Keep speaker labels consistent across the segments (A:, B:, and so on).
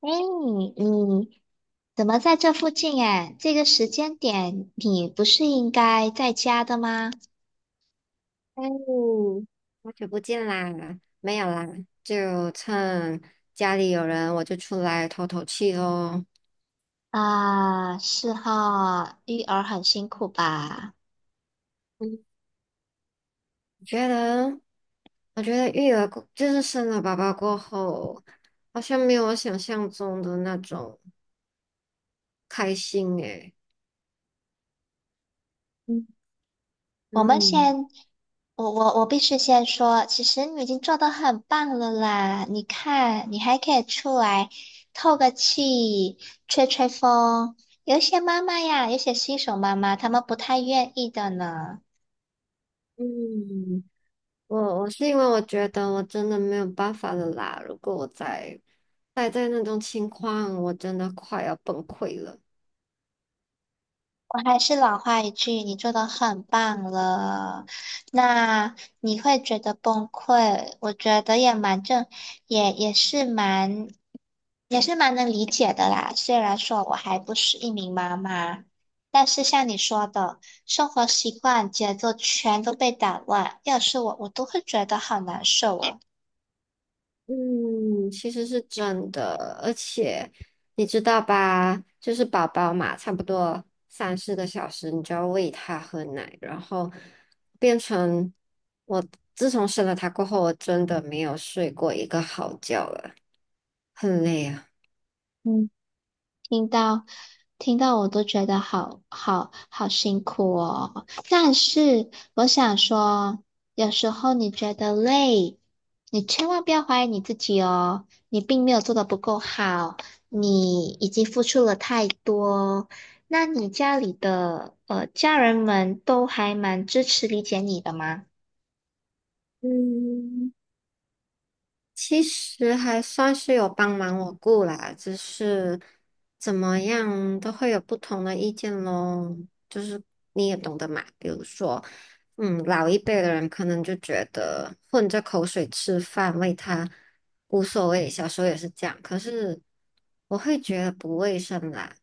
A: 哎，你怎么在这附近？哎，这个时间点你不是应该在家的吗？
B: 嗯，好久不见啦，没有啦，就趁家里有人，我就出来透透气喽。
A: 啊，是哈，育儿很辛苦吧？
B: 嗯，我觉得，我觉得育儿过，就是生了宝宝过后，好像没有我想象中的那种开心诶。
A: 嗯，我们
B: 嗯
A: 先，我必须先说，其实你已经做得很棒了啦。你看，你还可以出来透个气，吹吹风。有一些妈妈呀，有些新手妈妈，她们不太愿意的呢。
B: 嗯，我是因为我觉得我真的没有办法了啦，如果我再待在那种情况，我真的快要崩溃了。
A: 我还是老话一句，你做的很棒了。那你会觉得崩溃，我觉得也蛮正，也也是蛮，也是蛮能理解的啦。虽然说我还不是一名妈妈，但是像你说的，生活习惯、节奏全都被打乱，要是我，我都会觉得好难受哦。
B: 嗯，其实是真的，而且你知道吧，就是宝宝嘛，差不多三四个小时，你就要喂他喝奶，然后变成我自从生了他过后，我真的没有睡过一个好觉了，很累啊。
A: 听到听到我都觉得好辛苦哦。但是我想说，有时候你觉得累，你千万不要怀疑你自己哦。你并没有做的不够好，你已经付出了太多。那你家里的家人们都还蛮支持理解你的吗？
B: 嗯。其实还算是有帮忙我顾啦，只是怎么样都会有不同的意见咯。就是你也懂得嘛，比如说，老一辈的人可能就觉得混着口水吃饭，为他无所谓，小时候也是这样。可是我会觉得不卫生啦。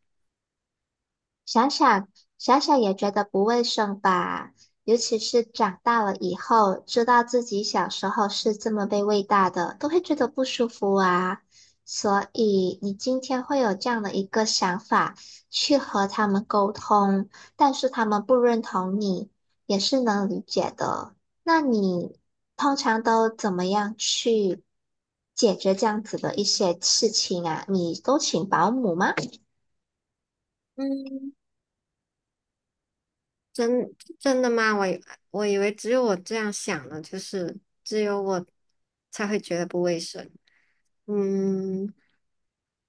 A: 想想想想也觉得不卫生吧，尤其是长大了以后，知道自己小时候是这么被喂大的，都会觉得不舒服啊。所以你今天会有这样的一个想法，去和他们沟通，但是他们不认同你，也是能理解的。那你通常都怎么样去解决这样子的一些事情啊？你都请保姆吗？
B: 嗯，真真的吗？我以为只有我这样想呢，就是只有我才会觉得不卫生。嗯，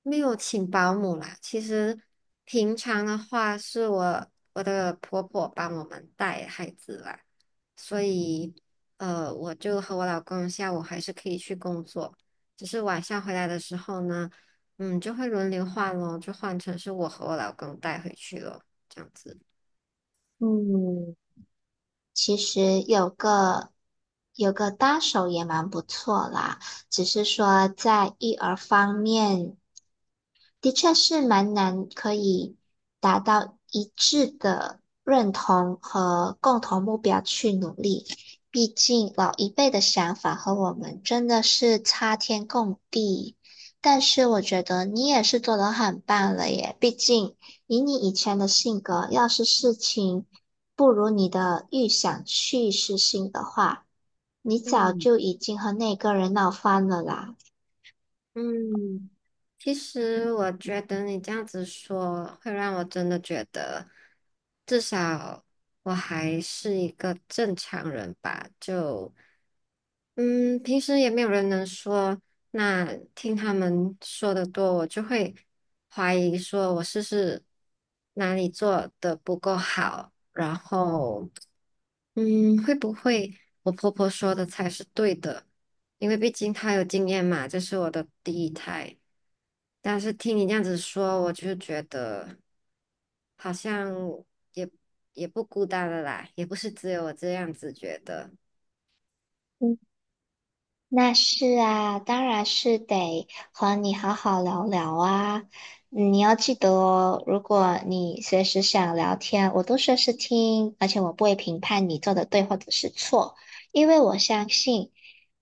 B: 没有请保姆啦。其实平常的话，是我的婆婆帮我们带孩子啦，所以我就和我老公下午还是可以去工作，只是晚上回来的时候呢，就会轮流换咯，就换成是我和我老公带回去咯，这样子。
A: 嗯，其实有个搭手也蛮不错啦，只是说在育儿方面，的确是蛮难可以达到一致的认同和共同目标去努力。毕竟老一辈的想法和我们真的是差天共地。但是我觉得你也是做得很棒了耶，毕竟以你以前的性格，要是事情不如你的预想去实行的话，你早
B: 嗯。
A: 就已经和那个人闹翻了啦。
B: 嗯，其实我觉得你这样子说，会让我真的觉得，至少我还是一个正常人吧。就，嗯，平时也没有人能说，那听他们说的多，我就会怀疑说我是不是哪里做的不够好，然后，会不会我婆婆说的才是对的？因为毕竟他有经验嘛，这是我的第一胎。但是听你这样子说，我就觉得好像也也不孤单了啦，也不是只有我这样子觉得。
A: 嗯，那是啊，当然是得和你好好聊聊啊。嗯，你要记得哦，如果你随时想聊天，我都随时听，而且我不会评判你做的对或者是错，因为我相信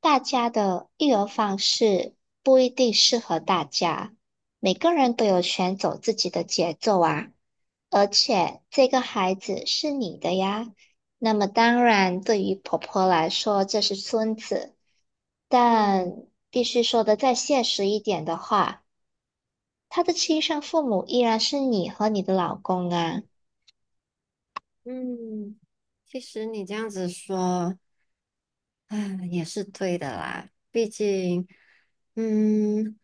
A: 大家的育儿方式不一定适合大家，每个人都有权走自己的节奏啊。而且这个孩子是你的呀，那么当然，对于婆婆来说，这是孙子。
B: 嗯
A: 但必须说的再现实一点的话，他的亲生父母依然是你和你的老公啊。
B: 嗯，其实你这样子说，嗯，也是对的啦，毕竟，嗯，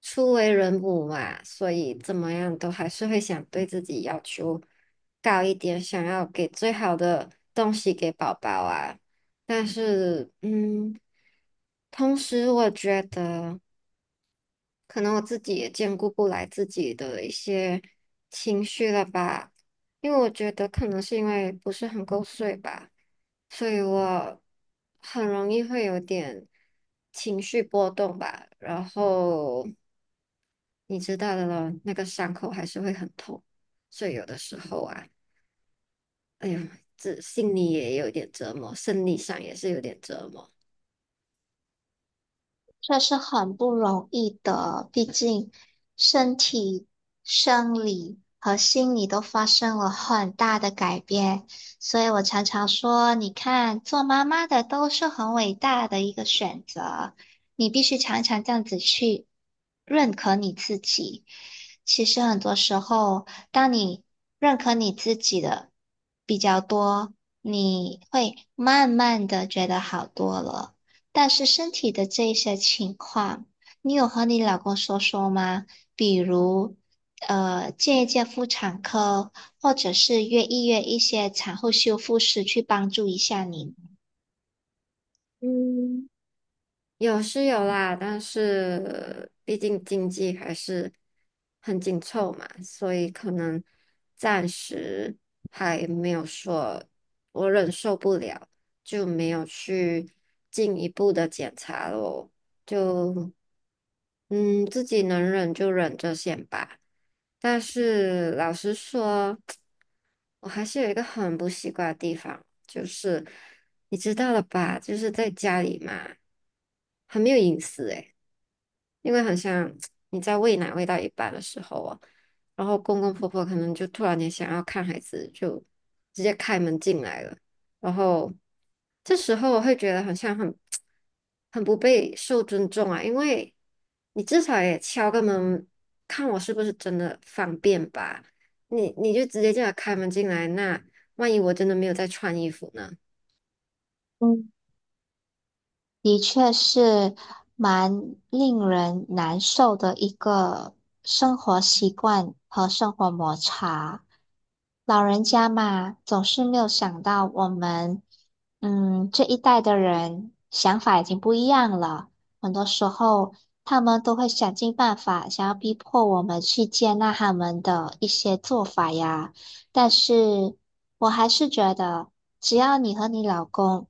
B: 初为人母嘛，所以怎么样都还是会想对自己要求高一点，想要给最好的东西给宝宝啊。但是，同时我觉得。可能我自己也兼顾不来自己的一些情绪了吧，因为我觉得可能是因为不是很够睡吧，所以我很容易会有点情绪波动吧，然后你知道的了，那个伤口还是会很痛，所以有的时候啊，哎呦，这心里也有点折磨，生理上也是有点折磨。
A: 这是很不容易的，毕竟身体、生理和心理都发生了很大的改变，所以我常常说，你看，做妈妈的都是很伟大的一个选择，你必须常常这样子去认可你自己。其实很多时候，当你认可你自己的比较多，你会慢慢的觉得好多了。但是身体的这些情况，你有和你老公说说吗？比如，见一见妇产科，或者是约一些产后修复师去帮助一下你。
B: 嗯，有是有啦，但是毕竟经济还是很紧凑嘛，所以可能暂时还没有说我忍受不了，就没有去进一步的检查咯。就自己能忍就忍着先吧。但是老实说，我还是有一个很不习惯的地方，就是。你知道了吧？就是在家里嘛，很没有隐私诶，因为好像 你在喂奶喂到一半的时候哦，然后公公婆婆可能就突然间想要看孩子，就直接开门进来了，然后这时候我会觉得好像很 很不被受尊重啊，因为你至少也敲个门，看我是不是真的方便吧？你就直接这样开门进来，那万一我真的没有在穿衣服呢？
A: 嗯。的确是蛮令人难受的一个生活习惯和生活摩擦。老人家嘛，总是没有想到我们，嗯，这一代的人想法已经不一样了。很多时候，他们都会想尽办法，想要逼迫我们去接纳他们的一些做法呀。但是我还是觉得。只要你和你老公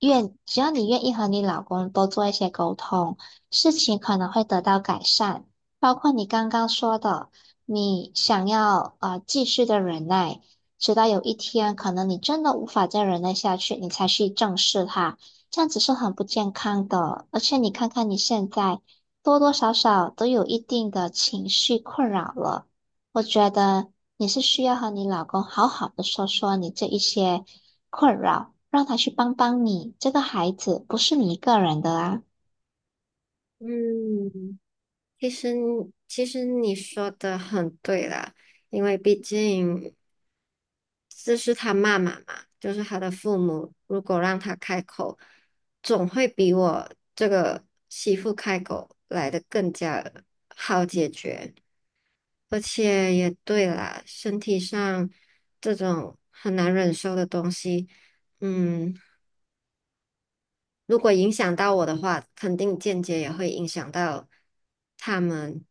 A: 只要你愿意和你老公多做一些沟通，事情可能会得到改善。包括你刚刚说的，你想要继续的忍耐，直到有一天可能你真的无法再忍耐下去，你才去正视它，这样子是很不健康的。而且你看看你现在多多少少都有一定的情绪困扰了。我觉得你是需要和你老公好好的说说你这一些困扰，让他去帮帮你。这个孩子不是你一个人的啊。
B: 嗯，其实其实你说的很对啦，因为毕竟这是他妈妈嘛，就是他的父母，如果让他开口，总会比我这个媳妇开口来的更加好解决，而且也对啦，身体上这种很难忍受的东西，嗯。如果影响到我的话，肯定间接也会影响到他们，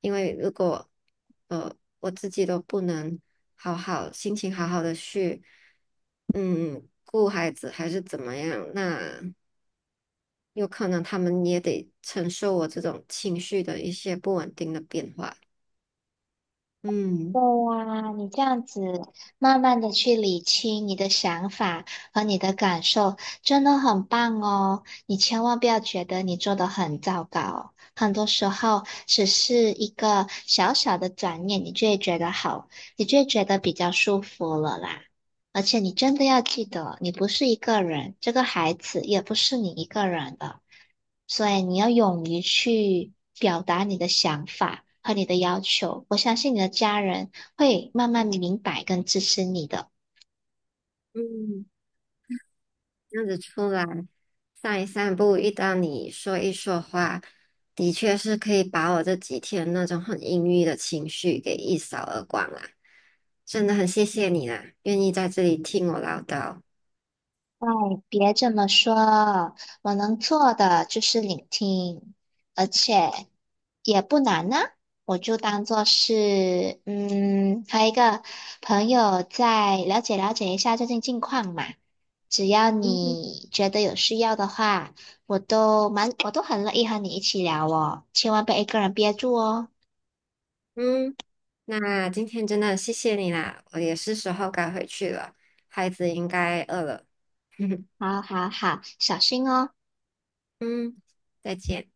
B: 因为如果呃我自己都不能好好心情好好的去顾孩子还是怎么样，那有可能他们也得承受我这种情绪的一些不稳定的变化。嗯。
A: 对呀，你这样子慢慢的去理清你的想法和你的感受，真的很棒哦。你千万不要觉得你做的很糟糕，很多时候只是一个小小的转念，你就会觉得好，你就会觉得比较舒服了啦。而且你真的要记得，你不是一个人，这个孩子也不是你一个人的，所以你要勇于去表达你的想法和你的要求。我相信你的家人会慢慢明白跟支持你的。
B: 嗯。这样子出来散一散步，遇到你说一说话，的确是可以把我这几天那种很阴郁的情绪给一扫而光啦。真的很谢谢你啦，愿意在这里听我唠叨。
A: 哎，别这么说，我能做的就是聆听，而且也不难呢、我就当做是，嗯，和一个朋友在了解了解一下最近近况嘛。只要
B: 嗯哼
A: 你觉得有需要的话，我都很乐意和你一起聊哦，千万别一个人憋住哦。
B: 嗯，那今天真的谢谢你啦，我也是时候该回去了，孩子应该饿了。
A: 好好好，小心哦。
B: 嗯，再见。